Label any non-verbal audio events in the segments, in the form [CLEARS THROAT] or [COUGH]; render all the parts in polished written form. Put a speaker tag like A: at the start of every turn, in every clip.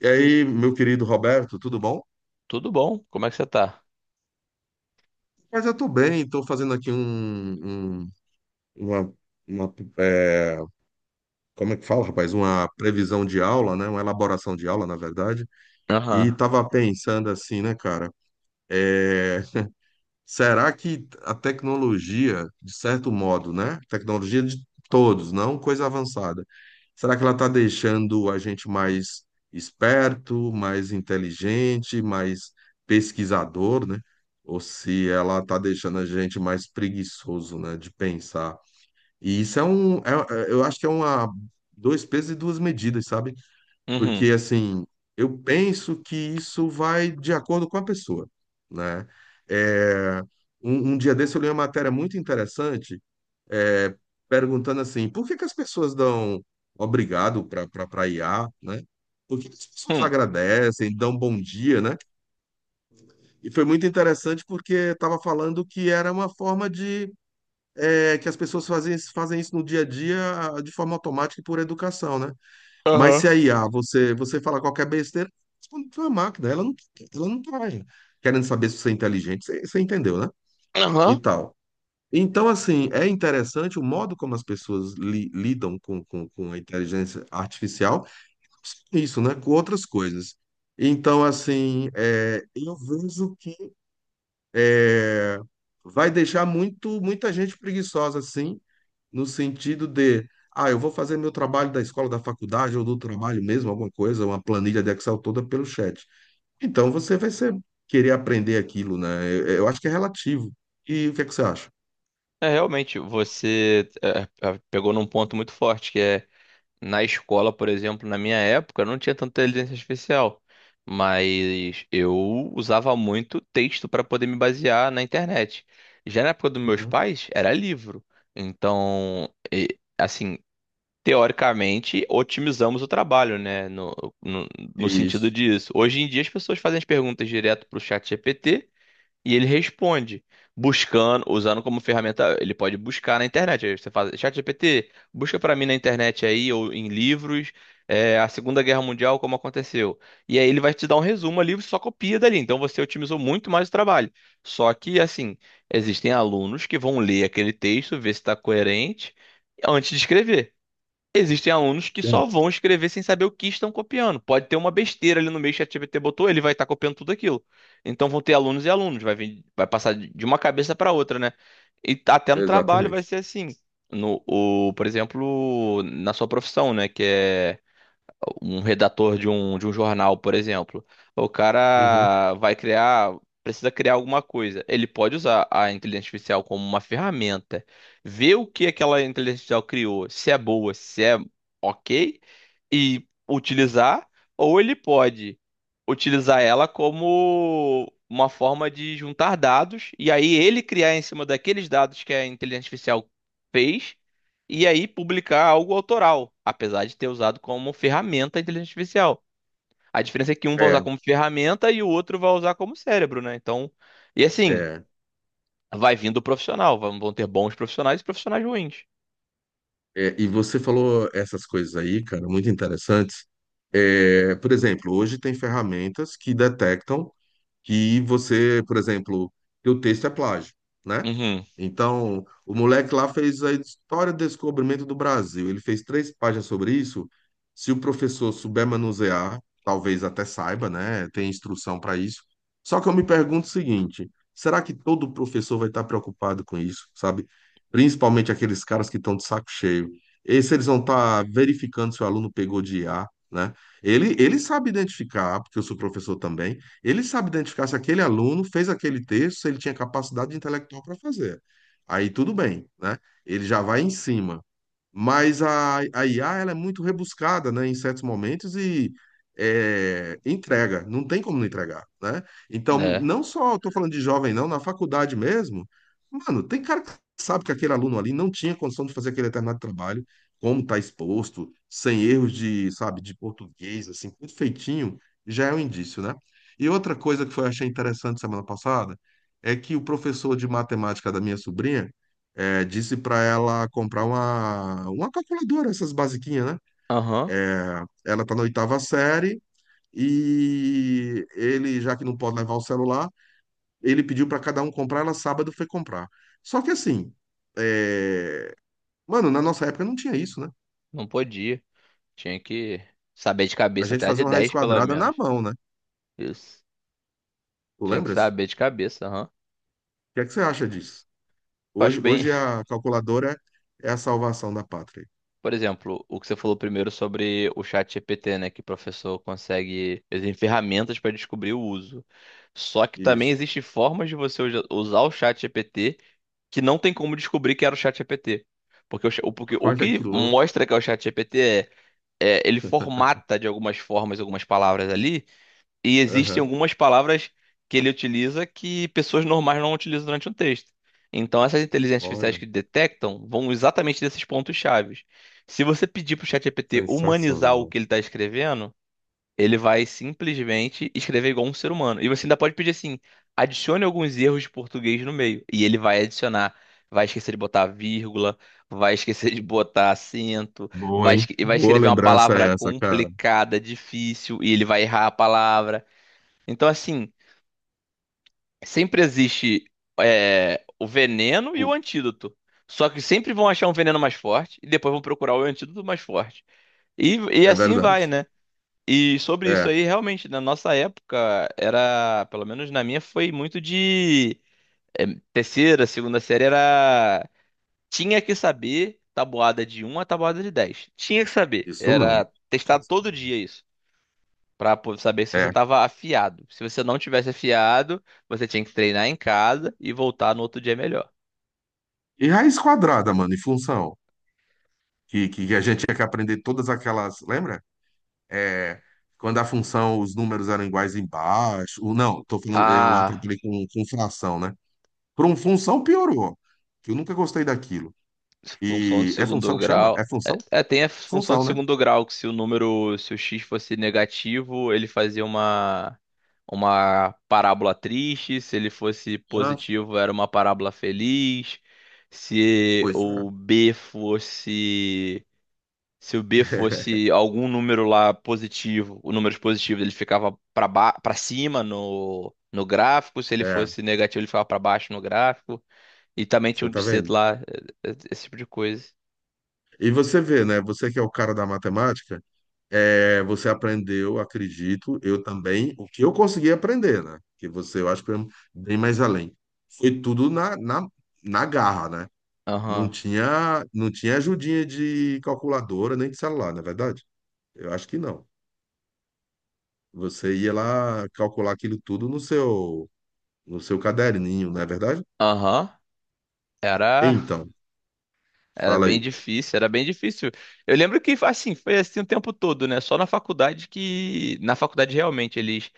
A: E aí, meu querido Roberto, tudo bom?
B: Tudo bom? Como é que você tá?
A: Mas eu tô bem, tô fazendo aqui uma, uma, é, como é que fala, rapaz? Uma previsão de aula, né? Uma elaboração de aula, na verdade. E
B: Aham.
A: tava pensando assim, né, cara? É, será que a tecnologia, de certo modo, né? Tecnologia de todos, não coisa avançada. Será que ela está deixando a gente mais esperto, mais inteligente, mais pesquisador, né? Ou se ela está deixando a gente mais preguiçoso, né? De pensar. E isso é eu acho que é uma dois pesos e duas medidas, sabe?
B: Uhum.
A: Porque, assim, eu penso que isso vai de acordo com a pessoa, né? É, um dia desse eu li uma matéria muito interessante, é, perguntando assim, por que que as pessoas dão obrigado para IA, né? Por que que as pessoas
B: Hum.
A: agradecem, dão bom dia, né? E foi muito interessante porque estava falando que era uma forma de, que as pessoas fazem isso no dia a dia, de forma automática e por educação, né? Mas
B: Aham.
A: se a IA, você fala qualquer besteira, responde pra uma máquina. Ela não tá querendo saber se você é inteligente. Você entendeu, né? E
B: Aham.
A: tal. Então, assim, é interessante o modo como as pessoas lidam com a inteligência artificial. Isso, né? Com outras coisas. Então, assim, eu vejo que é, vai deixar muita gente preguiçosa, assim no sentido de, eu vou fazer meu trabalho da escola, da faculdade ou do trabalho mesmo, alguma coisa, uma planilha de Excel toda pelo chat. Então você vai querer aprender aquilo, né? Eu acho que é relativo. E o que é que você acha?
B: É, realmente, você pegou num ponto muito forte, que é na escola, por exemplo, na minha época, não tinha tanta inteligência artificial, mas eu usava muito texto para poder me basear na internet. Já na época dos meus
A: Uhum.
B: pais, era livro. Então, assim, teoricamente, otimizamos o trabalho, né? No, no, no sentido
A: Isso.
B: disso. Hoje em dia, as pessoas fazem as perguntas direto para o chat GPT e ele responde, buscando, usando como ferramenta. Ele pode buscar na internet. Aí você faz, chat GPT, busca para mim na internet aí, ou em livros, a Segunda Guerra Mundial, como aconteceu. E aí ele vai te dar um resumo ali, você só copia dali. Então você otimizou muito mais o trabalho. Só que, assim, existem alunos que vão ler aquele texto, ver se está coerente, antes de escrever. Existem alunos que
A: É,
B: só
A: isso.
B: vão escrever sem saber o que estão copiando. Pode ter uma besteira ali no meio que o ChatGPT botou, ele vai estar copiando tudo aquilo. Então vão ter alunos e alunos, vai passar de uma cabeça para outra, né? Até no trabalho vai
A: Exatamente.
B: ser assim. No, o, por exemplo, na sua profissão, né? Que é um redator de um jornal, por exemplo. O
A: Uhum.
B: cara vai criar, precisa criar alguma coisa. Ele pode usar a inteligência artificial como uma ferramenta, ver o que aquela inteligência artificial criou, se é boa, se é ok, e utilizar, ou ele pode utilizar ela como uma forma de juntar dados e aí ele criar em cima daqueles dados que a inteligência artificial fez e aí publicar algo autoral, apesar de ter usado como ferramenta a inteligência artificial. A diferença é que um vai
A: É,
B: usar como ferramenta e o outro vai usar como cérebro, né? Então, e assim,
A: é,
B: vai vindo o profissional, vão ter bons profissionais e profissionais ruins.
A: é. E você falou essas coisas aí, cara, muito interessantes. É, por exemplo, hoje tem ferramentas que detectam que você, por exemplo, que o texto é plágio, né?
B: Uhum.
A: Então, o moleque lá fez a história do descobrimento do Brasil. Ele fez três páginas sobre isso. Se o professor souber manusear, talvez até saiba, né? Tem instrução para isso. Só que eu me pergunto o seguinte: será que todo professor vai estar preocupado com isso, sabe? Principalmente aqueles caras que estão de saco cheio. E se eles vão estar verificando se o aluno pegou de IA, né? Ele sabe identificar, porque eu sou professor também. Ele sabe identificar se aquele aluno fez aquele texto, se ele tinha capacidade intelectual para fazer. Aí tudo bem, né? Ele já vai em cima. Mas a IA ela é muito rebuscada, né, em certos momentos e entrega, não tem como não entregar, né? Então,
B: É.
A: não só estou falando de jovem, não, na faculdade mesmo, mano, tem cara que sabe que aquele aluno ali não tinha condição de fazer aquele determinado trabalho, como está exposto, sem erros de, sabe, de português, assim, perfeitinho, já é um indício, né? E outra coisa que foi, achei interessante semana passada, é que o professor de matemática da minha sobrinha, disse para ela comprar uma calculadora, essas basiquinhas, né?
B: Aham.
A: Ela tá na oitava série e ele, já que não pode levar o celular, ele pediu para cada um comprar, ela sábado foi comprar. Só que assim, é, mano, na nossa época não tinha isso, né?
B: Não podia. Tinha que saber de
A: A
B: cabeça
A: gente
B: até a de
A: fazia uma raiz
B: 10 pelo
A: quadrada na
B: menos.
A: mão, né?
B: Isso.
A: Tu
B: Tinha que
A: lembras?
B: saber
A: O
B: de cabeça, aham.
A: que é que você acha disso?
B: Eu
A: Hoje,
B: acho bem,
A: hoje
B: [LAUGHS]
A: a calculadora é a salvação da pátria.
B: por exemplo, o que você falou primeiro sobre o chat GPT, né? Que o professor consegue. Existem ferramentas para descobrir o uso. Só que também
A: Isso.
B: existem formas de você usar o chat GPT que não tem como descobrir que era o chat GPT. Porque
A: [LAUGHS]
B: o
A: Olha que
B: que
A: louco.
B: mostra que é o chat GPT é ele formata de algumas formas, algumas palavras ali, e existem
A: Aham.
B: algumas palavras que ele utiliza que pessoas normais não utilizam durante um texto. Então, essas inteligências artificiais
A: Olha,
B: que detectam vão exatamente desses pontos chaves. Se você pedir para o ChatGPT humanizar o
A: sensacional.
B: que ele está escrevendo, ele vai simplesmente escrever igual um ser humano. E você ainda pode pedir assim: adicione alguns erros de português no meio. E ele vai adicionar. Vai esquecer de botar vírgula, vai esquecer de botar acento,
A: Boa,
B: vai,
A: hein?
B: esque- vai
A: Boa
B: escrever uma
A: lembrança
B: palavra
A: é essa, cara.
B: complicada, difícil, e ele vai errar a palavra. Então, assim, sempre existe o veneno e o
A: Pô,
B: antídoto. Só que sempre vão achar um veneno mais forte e depois vão procurar o antídoto mais forte. E, e
A: é
B: assim
A: verdade.
B: vai, né? E sobre isso
A: É,
B: aí, realmente, na nossa época, era, pelo menos na minha, foi muito de é, terceira, segunda série, era. Tinha que saber tabuada de um a tabuada de 10. Tinha que saber.
A: isso mesmo.
B: Era testar todo dia isso. Saber se você
A: É.
B: tava afiado. Se você não tivesse afiado, você tinha que treinar em casa e voltar no outro dia melhor.
A: E raiz quadrada, mano, e função. Que a gente tinha que aprender todas aquelas. Lembra? É, quando a função, os números eram iguais embaixo. Ou não, tô falando, eu
B: Ah,
A: atrapalhei com fração, né? Para um função piorou. Que eu nunca gostei daquilo.
B: função de
A: E é
B: segundo
A: função que chama? É
B: grau. É,
A: função?
B: é, tem a função de
A: Função, né?
B: segundo grau, que se o x fosse negativo, ele fazia uma parábola triste. Se ele fosse
A: Ah,
B: positivo, era uma parábola feliz. Se
A: pois é.
B: o b fosse Se o B fosse
A: [LAUGHS]
B: algum número lá positivo, o número positivo ele ficava para para cima no gráfico, se ele
A: É,
B: fosse negativo ele ficava para baixo no gráfico, e também tinha
A: você
B: um
A: tá
B: de C
A: vendo?
B: lá, esse tipo de coisa.
A: E você vê, né? Você que é o cara da matemática. É, você aprendeu, acredito, eu também, o que eu consegui aprender, né? Que você, eu acho que foi um bem mais além. Foi tudo na garra, né? Não
B: Aham.
A: tinha, não tinha ajudinha de calculadora nem de celular, não é verdade? Eu acho que não. Você ia lá calcular aquilo tudo no seu caderninho, não é verdade?
B: Aham. Era
A: Então,
B: era
A: fala
B: bem
A: aí.
B: difícil, era bem difícil. Eu lembro que assim, foi assim o tempo todo, né? Só na faculdade que na faculdade realmente eles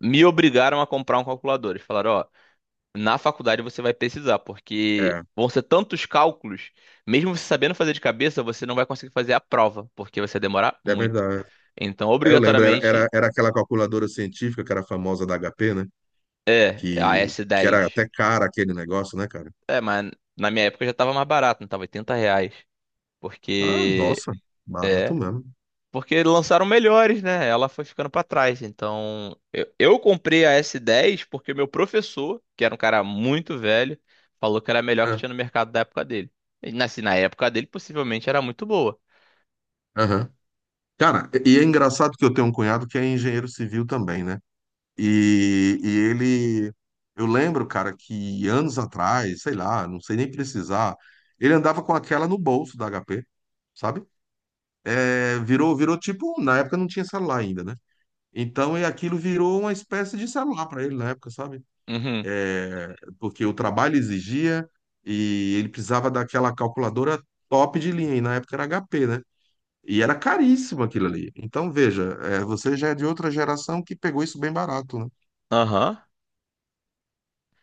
B: me obrigaram a comprar um calculador. Eles falaram, ó, na faculdade você vai precisar, porque
A: É,
B: vão ser tantos cálculos, mesmo você sabendo fazer de cabeça, você não vai conseguir fazer a prova, porque você vai demorar
A: é
B: muito.
A: verdade.
B: Então,
A: É, eu lembro, era, era,
B: obrigatoriamente,
A: era aquela calculadora científica que era famosa da HP, né?
B: é a
A: Que
B: S10.
A: era até cara aquele negócio, né, cara?
B: É, mas na minha época já tava mais barato, não tava R$ 80.
A: Ah,
B: Porque.
A: nossa, barato
B: É.
A: mesmo.
B: Porque lançaram melhores, né? Ela foi ficando pra trás. Então, eu comprei a S10 porque meu professor, que era um cara muito velho, falou que era a melhor que
A: É,
B: tinha no mercado da época dele. E, assim, na época dele, possivelmente era muito boa.
A: aham. Cara, e é engraçado que eu tenho um cunhado que é engenheiro civil também, né? E ele, eu lembro, cara, que anos atrás, sei lá, não sei nem precisar, ele andava com aquela no bolso da HP, sabe? É, virou tipo, na época não tinha celular ainda, né? Então, e aquilo virou uma espécie de celular para ele na época, sabe?
B: Uhum.
A: É, porque o trabalho exigia e ele precisava daquela calculadora top de linha, e na época era HP, né? E era caríssimo aquilo ali. Então, veja, você já é de outra geração que pegou isso bem barato, né?
B: Aham.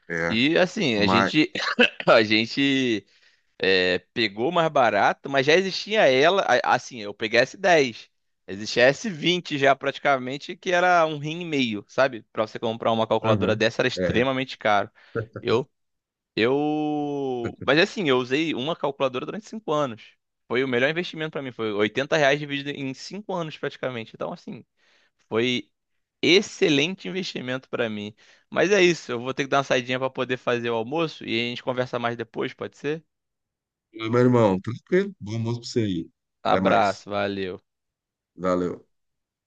A: É,
B: E assim, a
A: mas.
B: gente [LAUGHS] [CLEARS THROAT] a gente pegou mais barato, mas já existia ela, assim, eu peguei a S10. Existia a S20 já praticamente, que era um rim e meio, sabe? Pra você comprar uma calculadora
A: Aham.
B: dessa era
A: É.
B: extremamente caro. Eu mas assim, eu usei uma calculadora durante 5 anos. Foi o melhor investimento pra mim, foi R$ 80 dividido em 5 anos praticamente. Então assim, foi excelente investimento para mim. Mas é isso, eu vou ter que dar uma saidinha para poder fazer o almoço e a gente conversa mais depois, pode ser?
A: Meu irmão, tranquilo? Bom almoço pra você aí. Até mais.
B: Abraço, valeu.
A: Valeu.